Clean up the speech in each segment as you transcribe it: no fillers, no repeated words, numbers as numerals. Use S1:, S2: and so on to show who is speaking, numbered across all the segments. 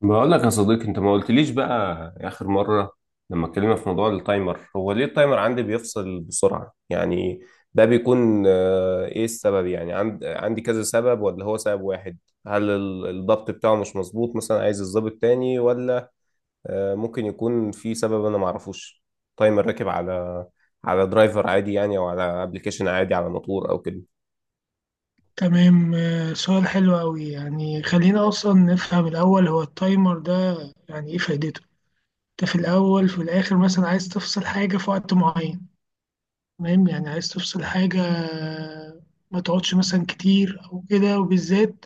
S1: بقول لك يا صديقي، انت ما قلتليش بقى. اخر مره لما اتكلمنا في موضوع التايمر، هو ليه التايمر عندي بيفصل بسرعه يعني؟ ده بيكون ايه السبب؟ يعني عندي كذا سبب ولا هو سبب واحد؟ هل الضبط بتاعه مش مظبوط، مثلا عايز الضبط تاني، ولا ممكن يكون في سبب انا ما اعرفوش؟ تايمر راكب على درايفر عادي يعني، او على ابلكيشن عادي، على موتور او كده.
S2: تمام. سؤال حلو أوي، يعني خلينا أصلا نفهم الأول هو التايمر ده يعني إيه فايدته؟ أنت في الأول في الآخر، مثلا عايز تفصل حاجة في وقت معين. تمام، يعني عايز تفصل حاجة. ما تقعدش مثلا كتير أو كده. وبالذات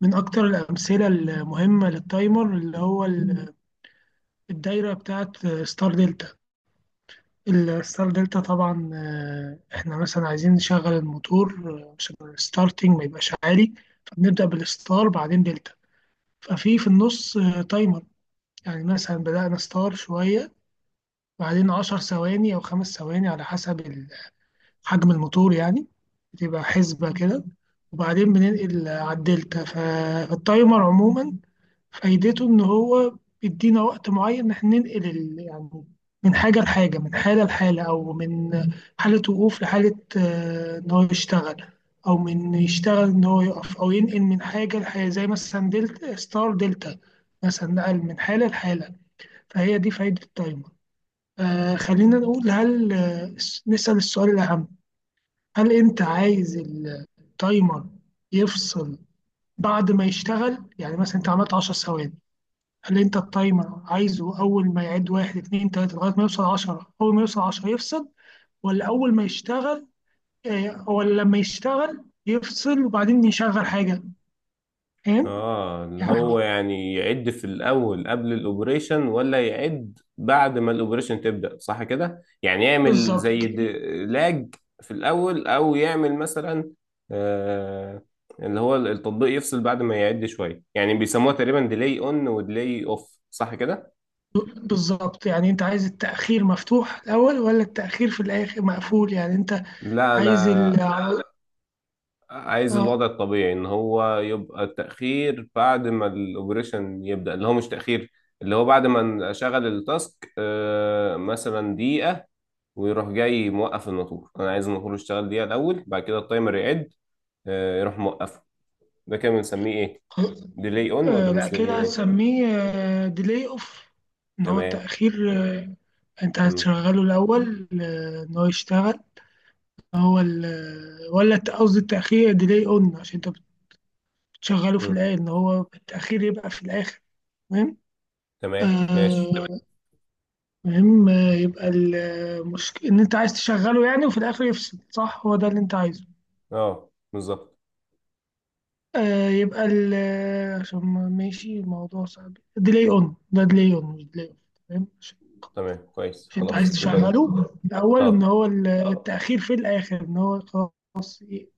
S2: من أكتر الأمثلة المهمة للتايمر اللي هو الدايرة بتاعت ستار دلتا. الستار دلتا طبعا، إحنا مثلا عايزين نشغل الموتور عشان الستارتنج ما يبقاش عالي. فبنبدأ بالستار بعدين دلتا. في النص تايمر. يعني مثلا بدأنا ستار شوية، بعدين 10 ثواني أو 5 ثواني على حسب حجم الموتور يعني. بتبقى حسبة كده، وبعدين بننقل على الدلتا. فالتايمر عموما فايدته ان هو بيدينا وقت معين ان احنا ننقل يعني من حاجه لحاجه، من حاله لحاله، او من حاله وقوف لحاله، ان هو يشتغل، او من يشتغل ان هو يقف، او ينقل من حاجه لحاجه زي مثلا دلتا، ستار دلتا. مثلا نقل من حاله لحاله. فهي دي فايده التايمر. خلينا نقول، هل نسأل السؤال الأهم، هل أنت عايز التايمر يفصل بعد ما يشتغل؟ يعني مثلا أنت عملت 10 ثواني، قال لي انت التايمر عايزه اول ما يعد واحد، اتنين، تلاته لغايه ما يوصل 10، اول ما يوصل 10 يفصل، ولا اول ما يشتغل؟ ولا لما يشتغل يفصل وبعدين يشغل حاجه؟ فاهم؟
S1: اه، اللي
S2: يعني
S1: هو يعني يعد في الاول قبل الاوبريشن، ولا يعد بعد ما الاوبريشن تبدا، صح كده؟ يعني يعمل
S2: بالظبط.
S1: زي لاج في الاول، او يعمل مثلا آه اللي هو التطبيق يفصل بعد ما يعد شويه. يعني بيسموها تقريبا ديلي اون وديلي اوف، صح كده؟
S2: بالظبط، يعني انت عايز التاخير مفتوح الاول ولا التاخير في الاخر مقفول؟ يعني انت
S1: لا،
S2: عايز ال
S1: انا عايز
S2: اه.
S1: الوضع الطبيعي ان هو يبقى تاخير بعد ما الاوبريشن يبدا، اللي هو مش تاخير، اللي هو بعد ما اشغل التاسك مثلا دقيقه. ويروح جاي موقف الموتور، انا عايز الموتور يشتغل دقيقه الاول، بعد كده التايمر يعد يروح موقفه. ده كده بنسميه ايه، ديلي اون ولا
S2: لا، كده
S1: بنسميه ايه؟
S2: هتسميه ديلي اوف. ان هو
S1: تمام.
S2: التاخير، انت
S1: مم.
S2: هتشغله الاول، ان هو يشتغل. هو ال، ولا قصدي التأخير ديلي اون، عشان انت بتشغله في
S1: مم.
S2: الآية ان هو التأخير يبقى في الآخر. تمام.
S1: تمام، ماشي.
S2: تمام. المهم، يبقى المشكلة ان انت عايز تشغله يعني وفي الآخر يفصل، صح؟ هو ده اللي انت عايزه.
S1: اه، بالظبط.
S2: يبقى ال عشان ماشي. الموضوع صعب، ديلي اون ده ديلي اون مش ديلي اون. تمام،
S1: تمام كويس،
S2: عشان انت عايز
S1: خلاص يبقى
S2: تشغله الأول، ان
S1: اه،
S2: هو التأخير في الآخر، ان هو خلاص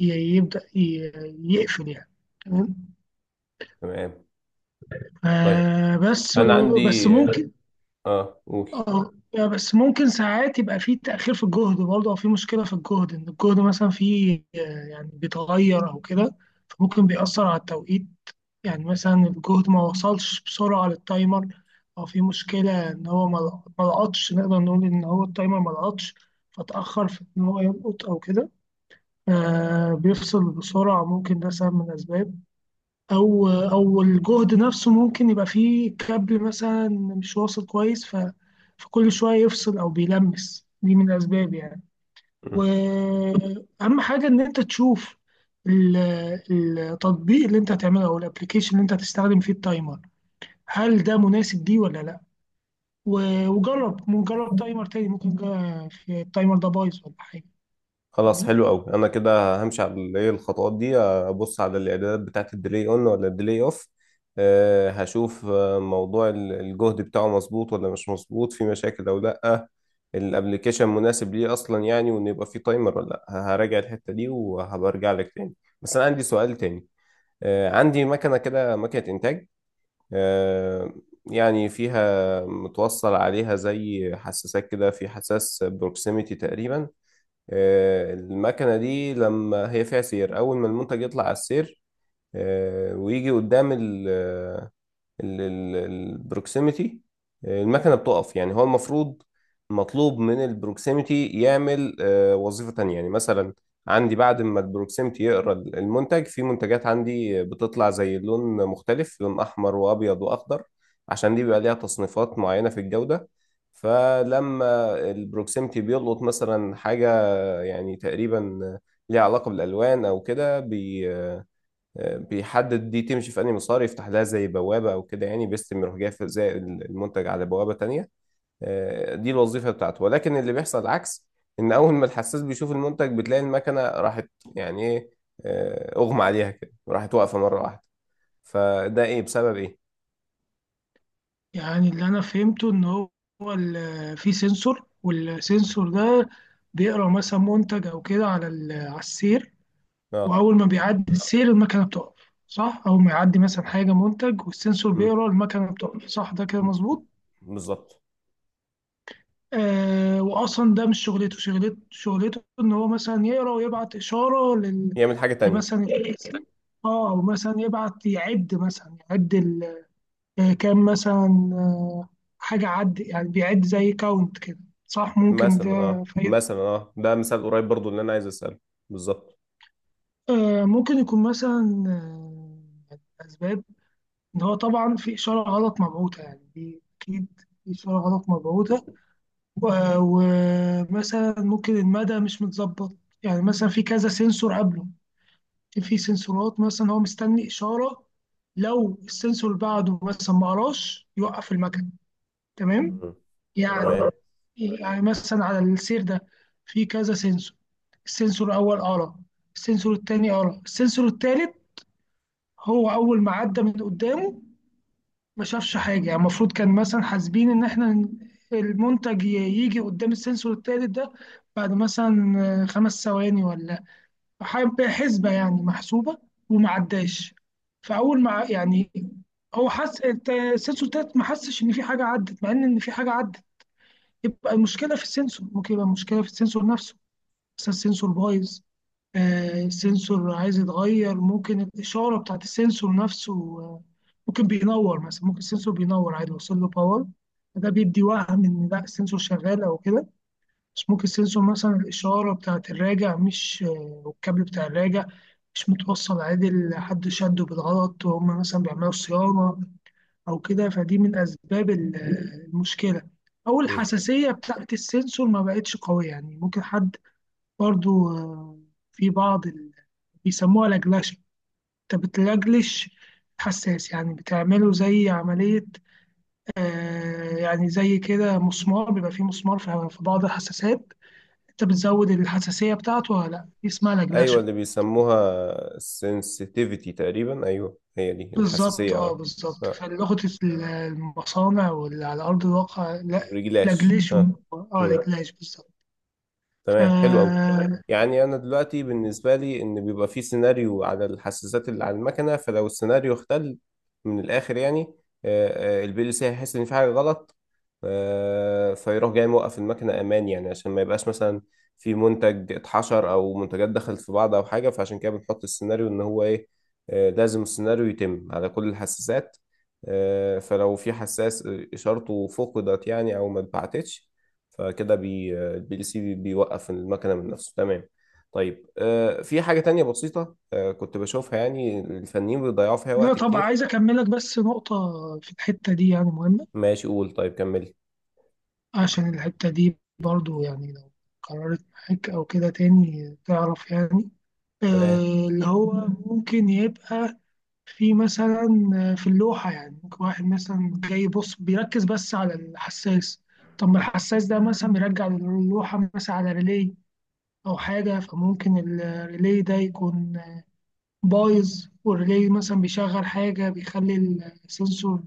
S2: يبدأ يقفل يعني. تمام.
S1: تمام. طيب،
S2: بس
S1: انا
S2: بس
S1: عندي
S2: ممكن
S1: قول.
S2: اه. بس ممكن ساعات يبقى في تأخير في الجهد برضه، أو في مشكلة في الجهد، إن الجهد مثلا فيه يعني بيتغير أو كده. فممكن بيأثر على التوقيت. يعني مثلا الجهد ما وصلش بسرعة للتايمر، أو في مشكلة إن هو ما لقطش. نقدر نقول إن هو التايمر ما لقطش، فتأخر في إن هو يلقط أو كده. بيفصل بسرعة، ممكن ده سبب من الأسباب. او الجهد نفسه ممكن يبقى فيه كابل مثلا مش واصل كويس، فكل شويه يفصل او بيلمس، دي من الاسباب يعني. واهم حاجه ان انت تشوف ال- التطبيق اللي انت هتعمله او الابلكيشن اللي انت هتستخدم فيه التايمر، هل ده مناسب ليه ولا لا. وجرب، جرب تايمر تاني، ممكن في التايمر ده بايظ ولا حاجه.
S1: خلاص، حلو قوي. انا كده همشي على ايه الخطوات دي، ابص على الاعدادات بتاعت الديلي اون ولا الديلي اوف. هشوف موضوع الجهد بتاعه مظبوط ولا مش مظبوط، في مشاكل او لا. الابليكيشن مناسب ليه اصلا يعني، وان يبقى فيه تايمر ولا لا. هراجع الحتة دي وهبقى ارجع لك تاني. بس انا عندي سؤال تاني. عندي مكنة كده، مكنة انتاج. أه يعني فيها متوصل عليها زي حساسات كده، في حساس بروكسيميتي تقريبا. المكنة دي لما هي فيها سير، أول ما المنتج يطلع على السير ويجي قدام ال آه، ال- ال- البروكسيميتي، المكنة بتقف. يعني هو المفروض مطلوب من البروكسيميتي يعمل وظيفة تانية. يعني مثلا عندي بعد ما البروكسيميتي يقرأ المنتج، في منتجات عندي بتطلع زي لون مختلف، لون أحمر وأبيض وأخضر، عشان دي بيبقى ليها تصنيفات معينة في الجودة. فلما البروكسيمتي بيلقط مثلا حاجة يعني تقريبا ليها علاقة بالألوان أو كده، بيحدد دي تمشي في أنهي مسار، يفتح لها زي بوابة أو كده. يعني بيستلم، يروح جاي زي المنتج على بوابة تانية. دي الوظيفة بتاعته. ولكن اللي بيحصل العكس، إن أول ما الحساس بيشوف المنتج بتلاقي المكنة راحت. يعني إيه؟ أغمى عليها كده، راحت واقفة مرة واحدة. فده إيه، بسبب إيه؟
S2: يعني اللي انا فهمته ان هو في سنسور، والسنسور ده بيقرا مثلا منتج او كده على على السير،
S1: أه.
S2: واول ما بيعدي السير المكنه بتقف، صح؟ او ما يعدي مثلا حاجه، منتج، والسنسور
S1: مم،
S2: بيقرا المكنه بتقف، صح، ده كده مظبوط.
S1: بالظبط.
S2: واصلا ده مش شغلته، ان هو مثلا يقرا ويبعت اشاره لل،
S1: يعمل حاجة تانية.
S2: لمثلا اه، او مثلا يبعت يعد مثلا يعد، كان مثلا حاجة عد، يعني بيعد زي كاونت كده، صح؟ ممكن
S1: مثلا
S2: ده في
S1: مثلا ده مثال قريب برضو اللي أنا عايز أسأله. بالظبط.
S2: ممكن يكون مثلا أسباب. إن هو طبعا في إشارة غلط مبعوثة، يعني دي أكيد في إشارة غلط مبعوثة. ومثلا ممكن المدى مش متظبط. يعني مثلا في كذا سنسور قبله، في سنسورات مثلا هو مستني إشارة. لو السنسور اللي بعده مثلا ما قراش، يوقف المكن. تمام.
S1: مم،
S2: يعني
S1: تمام.
S2: يعني مثلا على السير ده في كذا سنسور. السنسور الأول قرا، السنسور التاني قرا، السنسور التالت هو أول ما عدى من قدامه ما شافش حاجة. يعني المفروض كان مثلا حاسبين إن إحنا المنتج يجي قدام السنسور التالت ده بعد مثلا 5 ثواني، ولا حسبة يعني محسوبة، وما عداش. فأول ما يعني هو حس السنسور التالت ما حسش إن في حاجة عدت، مع إن في حاجة عدت. يبقى المشكلة في السنسور، ممكن يبقى المشكلة في السنسور نفسه. مثلا السنسور بايظ، السنسور عايز يتغير. ممكن الإشارة بتاعت السنسور نفسه، آه، ممكن بينور. مثلا ممكن السنسور بينور عادي، وصل له باور، ده بيدي وهم إن لا السنسور شغال أو كده. بس ممكن السنسور مثلا الإشارة بتاعت الراجع مش والكابل بتاع الراجع مش متوصل عادل، حد شده بالغلط وهم مثلا بيعملوا صيانة أو كده. فدي من أسباب المشكلة، أو
S1: مم.
S2: الحساسية بتاعت السنسور ما بقتش قوية. يعني ممكن حد برضو في بعض بيسموها لجلشة. انت بتلجلش حساس، يعني بتعمله زي عملية. يعني زي كده مسمار، بيبقى فيه مسمار في بعض الحساسات، انت بتزود الحساسية بتاعته ولا لا، دي اسمها
S1: ايوه،
S2: لجلشة.
S1: اللي بيسموها sensitivity تقريبا. ايوه، هي دي
S2: بالظبط،
S1: الحساسيه،
S2: اه
S1: اه.
S2: بالظبط.
S1: اه.
S2: فلغة المصانع واللي على أرض الواقع لا،
S1: رجلاش،
S2: لجلشوا،
S1: اه.
S2: اه،
S1: مم.
S2: لجلاش بالظبط. ف-
S1: تمام، حلو قوي. يعني انا دلوقتي بالنسبه لي، ان بيبقى في سيناريو على الحساسات اللي على المكنه، فلو السيناريو اختل من الاخر يعني البي ال سي هيحس ان في حاجه غلط، فيروح جاي موقف المكنه امان. يعني عشان ما يبقاش مثلا في منتج اتحشر، او منتجات دخلت في بعض، او حاجه. فعشان كده بنحط السيناريو ان هو ايه، لازم السيناريو يتم على كل الحساسات، فلو في حساس اشارته فقدت يعني، او ما اتبعتتش، فكده بي الPLC بيوقف المكنه من نفسه. تمام. طيب في حاجه تانية بسيطه كنت بشوفها، يعني الفنيين بيضيعوا فيها
S2: لا
S1: وقت
S2: طبعا،
S1: كتير.
S2: عايز أكملك بس نقطة في الحتة دي يعني مهمة.
S1: ماشي، قول، طيب كملي.
S2: عشان الحتة دي برضو يعني لو قررت معاك أو كده تاني تعرف يعني
S1: تمام.
S2: اللي هو ممكن يبقى في مثلا في اللوحة. يعني ممكن واحد مثلا جاي يبص بيركز بس على الحساس. طب ما الحساس ده مثلا بيرجع اللوحة مثلا على ريلي أو حاجة، فممكن الريلي ده يكون بايظ. والريلي مثلا بيشغل حاجة، بيخلي السنسور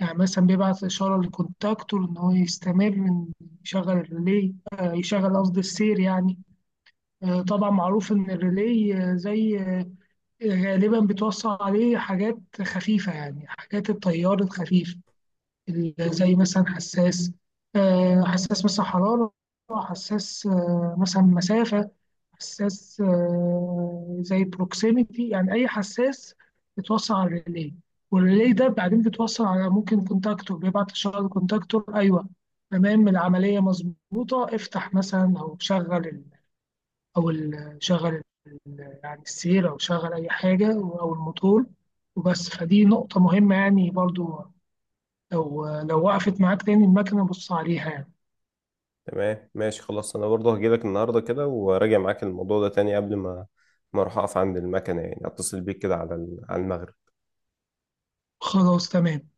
S2: يعني مثلا بيبعت إشارة للكونتاكتور إن هو يستمر، إن يشغل الريلي، يشغل قصدي السير يعني. طبعا معروف إن الريلي زي غالبا بتوصل عليه حاجات خفيفة، يعني حاجات التيار الخفيف، زي مثلا حساس، حساس مثلا حرارة، حساس مثلا مسافة، حساس زي بروكسيميتي. يعني أي حساس بيتوصل على الريلي، والريلي ده بعدين بيتوصل على ممكن كونتاكتور، بيبعت إشارة للكونتاكتور. أيوه، تمام، العملية مظبوطة. افتح مثلا أو شغل أو شغل يعني السير، أو شغل أي حاجة أو الموتور وبس. فدي نقطة مهمة يعني برضو، لو وقفت معاك تاني المكنة بص عليها يعني.
S1: تمام، ماشي، خلاص. انا برضه هجيلك النهارده كده وراجع معاك الموضوع ده تاني، قبل ما اروح اقف عند المكنه. يعني اتصل بيك كده على على المغرب.
S2: خلاص تمام.